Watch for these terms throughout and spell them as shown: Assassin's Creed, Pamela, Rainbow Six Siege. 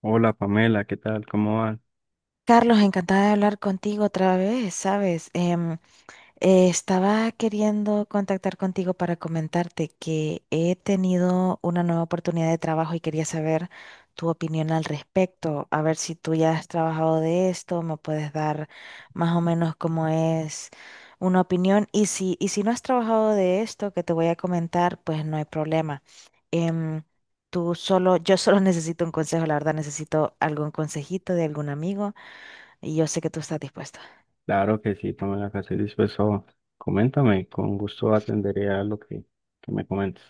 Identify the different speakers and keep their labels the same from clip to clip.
Speaker 1: Hola, Pamela, ¿qué tal? ¿Cómo va?
Speaker 2: Carlos, encantada de hablar contigo otra vez, ¿sabes? Estaba queriendo contactar contigo para comentarte que he tenido una nueva oportunidad de trabajo y quería saber tu opinión al respecto, a ver si tú ya has trabajado de esto, me puedes dar más o menos cómo es una opinión y si no has trabajado de esto que te voy a comentar, pues no hay problema. Em, yo solo necesito un consejo, la verdad, necesito algún consejito de algún amigo y yo sé que tú estás dispuesta.
Speaker 1: Claro que sí, Pamela, que estoy dispuesto. Coméntame, con gusto atenderé a lo que me comentes.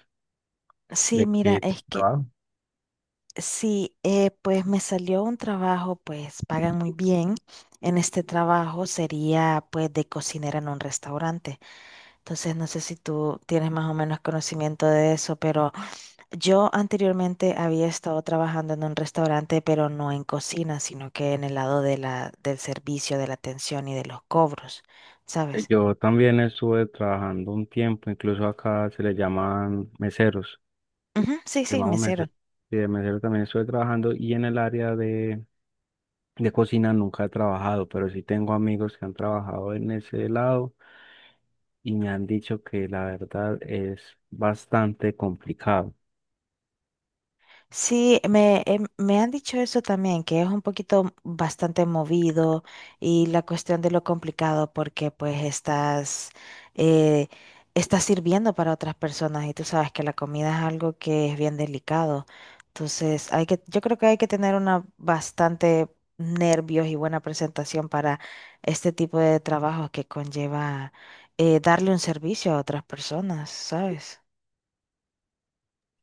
Speaker 2: Sí,
Speaker 1: ¿De
Speaker 2: mira,
Speaker 1: qué
Speaker 2: es que
Speaker 1: trabajo?
Speaker 2: sí, pues me salió un trabajo, pues pagan muy bien. En este trabajo sería pues de cocinera en un restaurante. Entonces no sé si tú tienes más o menos conocimiento de eso, pero yo anteriormente había estado trabajando en un restaurante, pero no en cocina, sino que en el lado de del servicio, de la atención y de los cobros, ¿sabes?
Speaker 1: Yo también estuve trabajando un tiempo, incluso acá se le llaman meseros,
Speaker 2: Ujú, sí, sí,
Speaker 1: llamamos
Speaker 2: mesero.
Speaker 1: meseros. Sí, de mesero también estuve trabajando y en el área de cocina nunca he trabajado, pero sí tengo amigos que han trabajado en ese lado y me han dicho que la verdad es bastante complicado.
Speaker 2: Sí, me han dicho eso también, que es un poquito bastante movido y la cuestión de lo complicado porque pues estás, eh, estás sirviendo para otras personas y tú sabes que la comida es algo que es bien delicado. Entonces, yo creo que hay que tener una bastante nervios y buena presentación para este tipo de trabajo que conlleva darle un servicio a otras personas, ¿sabes?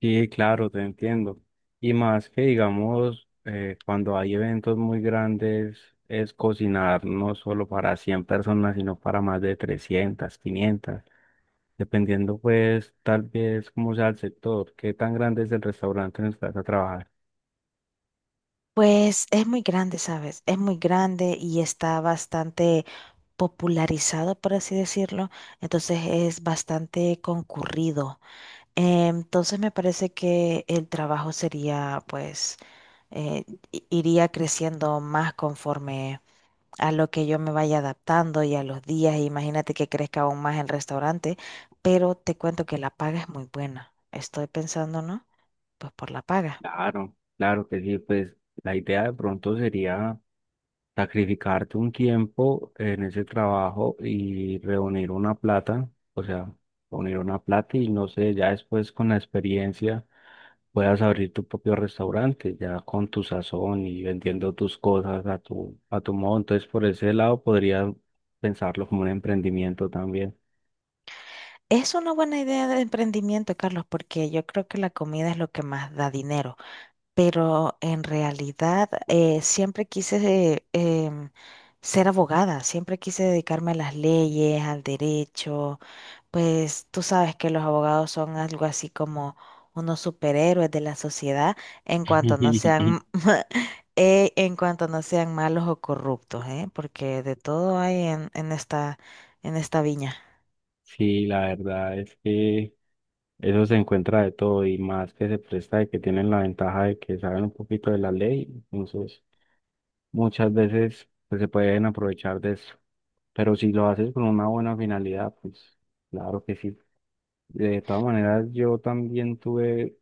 Speaker 1: Sí, claro, te entiendo. Y más que digamos, cuando hay eventos muy grandes, es cocinar no solo para 100 personas, sino para más de 300, 500, dependiendo pues tal vez cómo sea el sector, qué tan grande es el restaurante en el que vas a trabajar.
Speaker 2: Pues es muy grande, ¿sabes? Es muy grande y está bastante popularizado, por así decirlo. Entonces es bastante concurrido. Entonces me parece que el trabajo sería, pues, eh, iría creciendo más conforme a lo que yo me vaya adaptando y a los días. Imagínate que crezca aún más el restaurante, pero te cuento que la paga es muy buena. Estoy pensando, ¿no? Pues por la paga.
Speaker 1: Claro, claro que sí, pues la idea de pronto sería sacrificarte un tiempo en ese trabajo y reunir una plata, o sea, reunir una plata y no sé, ya después con la experiencia puedas abrir tu propio restaurante ya con tu sazón y vendiendo tus cosas a tu modo. Entonces, por ese lado podría pensarlo como un emprendimiento también.
Speaker 2: Es una buena idea de emprendimiento, Carlos, porque yo creo que la comida es lo que más da dinero, pero en realidad siempre quise ser abogada, siempre quise dedicarme a las leyes, al derecho, pues tú sabes que los abogados son algo así como unos superhéroes de la sociedad en cuanto no sean, en cuanto no sean malos o corruptos, ¿eh? Porque de todo hay en esta viña.
Speaker 1: Sí, la verdad es que eso se encuentra de todo y más que se presta de que tienen la ventaja de que saben un poquito de la ley. Entonces, muchas veces pues, se pueden aprovechar de eso. Pero si lo haces con una buena finalidad, pues claro que sí. De todas maneras, yo también tuve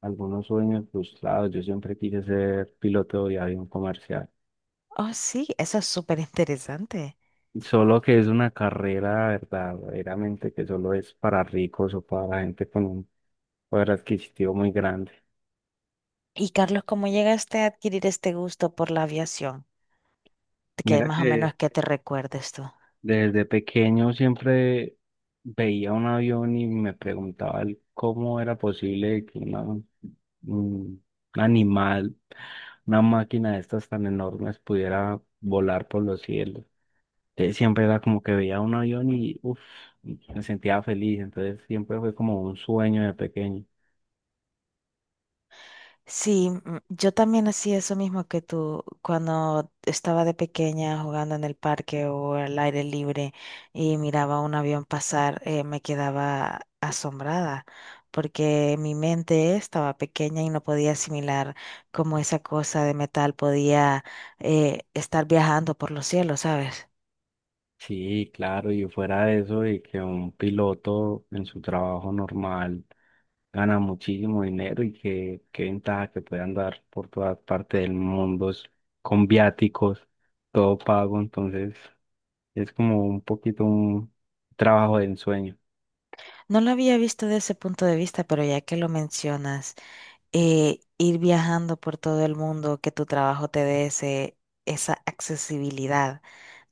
Speaker 1: algunos sueños frustrados. Yo siempre quise ser piloto de avión comercial.
Speaker 2: Oh, sí, eso es súper interesante.
Speaker 1: Solo que es una carrera verdaderamente que solo es para ricos o para gente con un poder adquisitivo muy grande.
Speaker 2: Y Carlos, ¿cómo llegaste a adquirir este gusto por la aviación? Que
Speaker 1: Mira
Speaker 2: más o
Speaker 1: que
Speaker 2: menos que te recuerdes tú.
Speaker 1: desde pequeño siempre veía un avión y me preguntaba el cómo era posible que un animal, una máquina de estas tan enormes pudiera volar por los cielos. Entonces siempre era como que veía un avión y uf, me sentía feliz. Entonces siempre fue como un sueño de pequeño.
Speaker 2: Sí, mm, yo también hacía eso mismo que tú cuando estaba de pequeña jugando en el parque o al aire libre y miraba un avión pasar, me quedaba asombrada porque mi mente estaba pequeña y no podía asimilar cómo esa cosa de metal podía estar viajando por los cielos, ¿sabes?
Speaker 1: Sí, claro, y fuera de eso, y que un piloto en su trabajo normal gana muchísimo dinero y que qué ventaja que puede andar por todas partes del mundo con viáticos, todo pago, entonces es como un poquito un trabajo de ensueño.
Speaker 2: No lo había visto desde ese punto de vista, pero ya que lo mencionas, ir viajando por todo el mundo, que tu trabajo te dé esa accesibilidad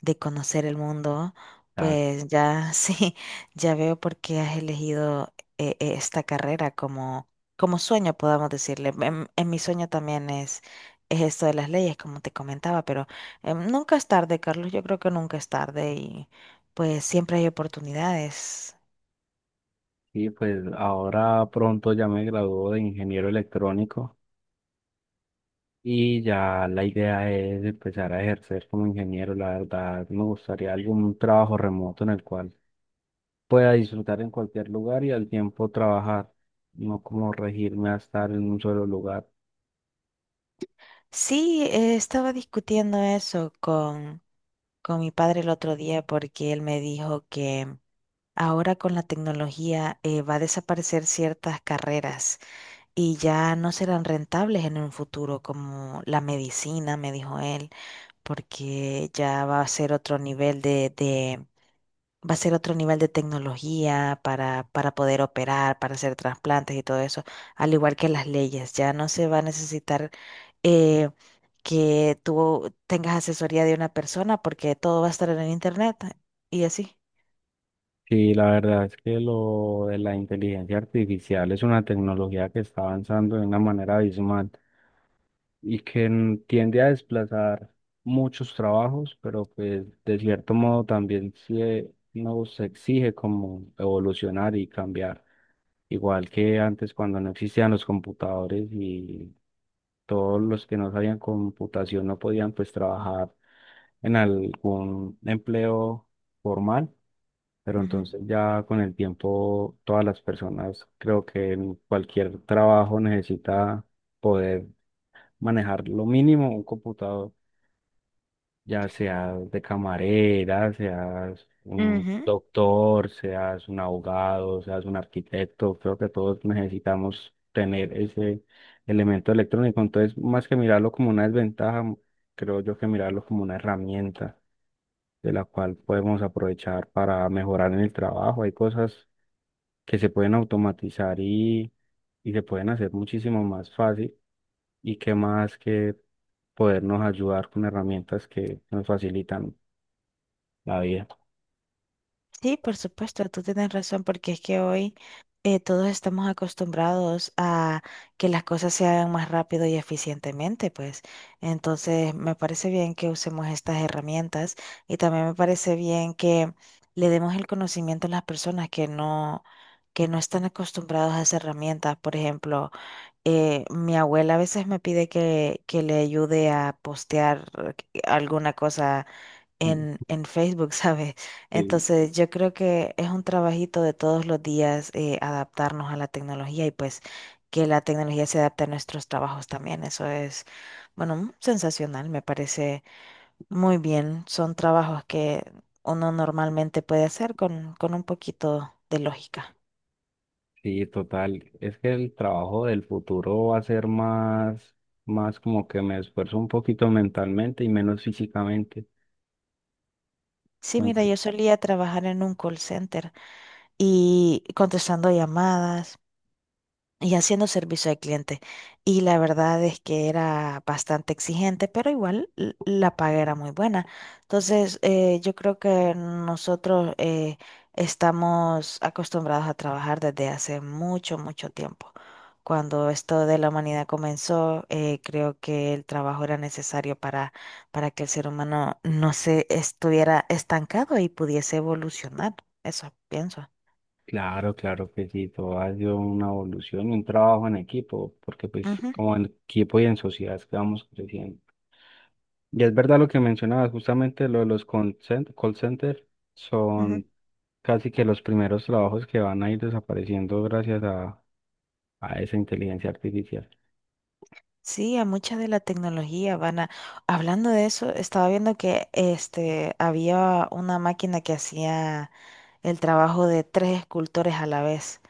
Speaker 2: de conocer el mundo,
Speaker 1: Ah.
Speaker 2: pues ya sí, ya veo por qué has elegido esta carrera como, como sueño, podamos decirle. En mi sueño también es esto de las leyes, como te comentaba, pero nunca es tarde, Carlos, yo creo que nunca es tarde y pues siempre hay oportunidades.
Speaker 1: Sí, pues ahora pronto ya me graduó de ingeniero electrónico. Y ya la idea es empezar a ejercer como ingeniero. La verdad, me gustaría algún trabajo remoto en el cual pueda disfrutar en cualquier lugar y al tiempo trabajar, no como regirme a estar en un solo lugar.
Speaker 2: Sí, estaba discutiendo eso con mi padre el otro día porque él me dijo que ahora con la tecnología va a desaparecer ciertas carreras y ya no serán rentables en un futuro, como la medicina, me dijo él, porque ya va a ser otro nivel va a ser otro nivel de tecnología para poder operar, para hacer trasplantes y todo eso, al igual que las leyes, ya no se va a necesitar eh, que tú tengas asesoría de una persona porque todo va a estar en el internet y así.
Speaker 1: Sí, la verdad es que lo de la inteligencia artificial es una tecnología que está avanzando de una manera abismal, y que tiende a desplazar muchos trabajos, pero pues de cierto modo también se nos exige como evolucionar y cambiar, igual que antes cuando no existían los computadores y todos los que no sabían computación no podían pues trabajar en algún empleo formal, pero
Speaker 2: Ujú.
Speaker 1: entonces ya con el tiempo todas las personas creo que en cualquier trabajo necesita poder manejar lo mínimo un computador, ya seas de camarera, seas un
Speaker 2: Ujú.
Speaker 1: doctor, seas un abogado, seas un arquitecto, creo que todos necesitamos tener ese elemento electrónico. Entonces, más que mirarlo como una desventaja, creo yo que mirarlo como una herramienta de la cual podemos aprovechar para mejorar en el trabajo. Hay cosas que se pueden automatizar y se pueden hacer muchísimo más fácil y qué más que podernos ayudar con herramientas que nos facilitan la vida.
Speaker 2: Sí, por supuesto, tú tienes razón porque es que hoy todos estamos acostumbrados a que las cosas se hagan más rápido y eficientemente, pues. Entonces, me parece bien que usemos estas herramientas y también me parece bien que le demos el conocimiento a las personas que no están acostumbrados a esas herramientas. Por ejemplo, mi abuela a veces me pide que le ayude a postear alguna cosa
Speaker 1: Mm.
Speaker 2: en Facebook, ¿sabes?
Speaker 1: Sí.
Speaker 2: Entonces yo creo que es un trabajito de todos los días adaptarnos a la tecnología y pues que la tecnología se adapte a nuestros trabajos también. Eso es, bueno, sensacional, me parece muy bien. Son trabajos que uno normalmente puede hacer con un poquito de lógica.
Speaker 1: Sí, total. Es que el trabajo del futuro va a ser más, más como que me esfuerzo un poquito mentalmente y menos físicamente.
Speaker 2: Sí, mira,
Speaker 1: Entonces,
Speaker 2: yo solía trabajar en un call center, y contestando llamadas y haciendo servicio al cliente. Y la verdad es que era bastante exigente, pero igual la paga era muy buena. Entonces, yo creo que nosotros estamos acostumbrados a trabajar desde hace mucho, mucho tiempo. Cuando esto de la humanidad comenzó, creo que el trabajo era necesario para que el ser humano no se estuviera estancado y pudiese evolucionar. Eso pienso.
Speaker 1: claro, claro que sí, todo ha sido una evolución y un trabajo en equipo, porque pues como en equipo y en sociedad es que vamos creciendo. Y es verdad lo que mencionabas, justamente lo de los call center
Speaker 2: Ujú.
Speaker 1: son casi que los primeros trabajos que van a ir desapareciendo gracias a esa inteligencia artificial.
Speaker 2: Sí, a mucha de la tecnología van a… Hablando de eso, estaba viendo que este, había una máquina que hacía… el trabajo de 3 escultores a la vez,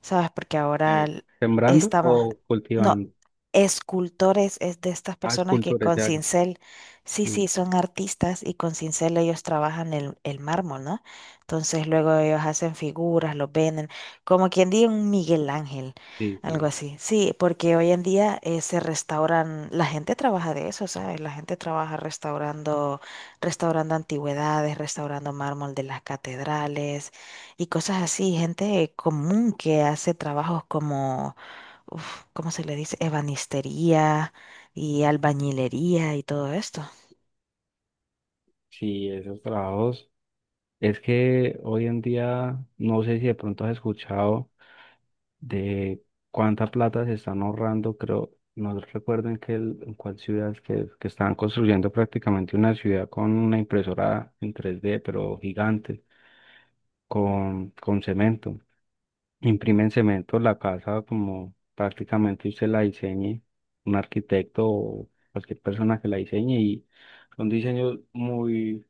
Speaker 2: ¿sabes? Porque ahora
Speaker 1: Eh, ¿Sembrando
Speaker 2: estamos,
Speaker 1: o
Speaker 2: no,
Speaker 1: cultivando?
Speaker 2: escultores es de estas
Speaker 1: Ah, es
Speaker 2: personas que
Speaker 1: cultura,
Speaker 2: con
Speaker 1: ya. Ya.
Speaker 2: cincel, sí,
Speaker 1: Sí,
Speaker 2: sí, son artistas y con cincel ellos trabajan el mármol, ¿no? Entonces luego ellos hacen figuras, los venden, como quien diga un Miguel Ángel,
Speaker 1: sí,
Speaker 2: algo
Speaker 1: sí.
Speaker 2: así. Sí, porque hoy en día se restauran, la gente trabaja de eso, ¿sabes? La gente trabaja restaurando antigüedades, restaurando mármol de las catedrales y cosas así. Gente común que hace trabajos como, uf, ¿cómo se le dice? Ebanistería y albañilería y todo esto.
Speaker 1: Sí, esos trabajos. Es que hoy en día, no sé si de pronto has escuchado de cuánta plata se están ahorrando, creo, no recuerdo en qué, en cuál ciudad es que estaban construyendo prácticamente una ciudad con una impresora en 3D pero gigante, con cemento. Imprimen cemento la casa como prácticamente usted la diseñe, un arquitecto o cualquier persona que la diseñe y son diseños muy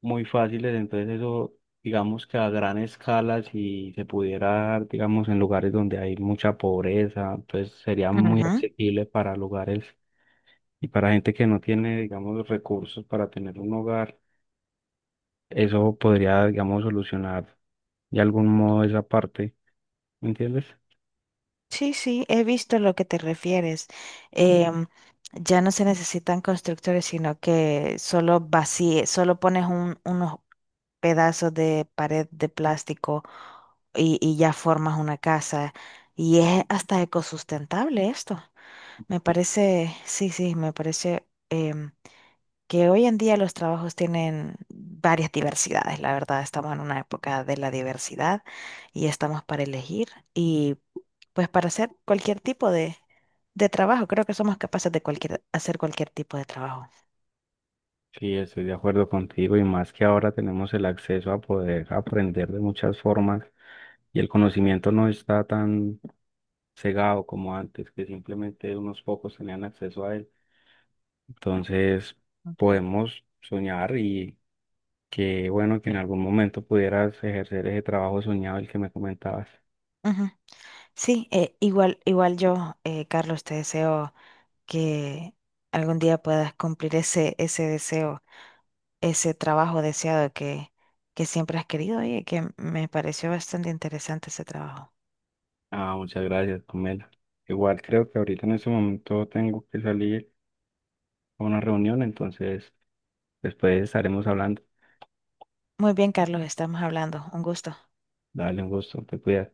Speaker 1: muy fáciles, entonces eso, digamos que a gran escala, si se pudiera dar, digamos, en lugares donde hay mucha pobreza, pues sería muy
Speaker 2: Ujú.
Speaker 1: accesible para lugares y para gente que no tiene, digamos, los recursos para tener un hogar, eso podría, digamos, solucionar de algún modo esa parte, ¿me entiendes?
Speaker 2: Sí, sí, he visto lo que te refieres. Em, ya no se necesitan constructores, sino que solo solo pones unos, pedazos de pared de plástico y ya formas una casa. Y es hasta ecosustentable esto. Me
Speaker 1: Sí.
Speaker 2: parece, sí, sí, me parece que hoy en día los trabajos tienen varias diversidades. La verdad, estamos en una época de la diversidad y estamos para elegir y pues para hacer cualquier tipo de trabajo. Creo que somos capaces de cualquier, hacer cualquier tipo de trabajo.
Speaker 1: Sí, estoy de acuerdo contigo y más que ahora tenemos el acceso a poder aprender de muchas formas y el conocimiento no está tan cegado como antes, que simplemente unos pocos tenían acceso a él. Entonces, podemos soñar y qué bueno que en algún momento pudieras ejercer ese trabajo soñado el que me comentabas.
Speaker 2: Ujú. Sí, igual yo, Carlos, te deseo que algún día puedas cumplir ese deseo, ese trabajo deseado que siempre has querido y que me pareció bastante interesante ese trabajo.
Speaker 1: Ah, muchas gracias, Pamela. Igual creo que ahorita en este momento tengo que salir a una reunión, entonces después estaremos hablando.
Speaker 2: Muy bien, Carlos, estamos hablando. Un gusto.
Speaker 1: Dale, un gusto, te cuidas.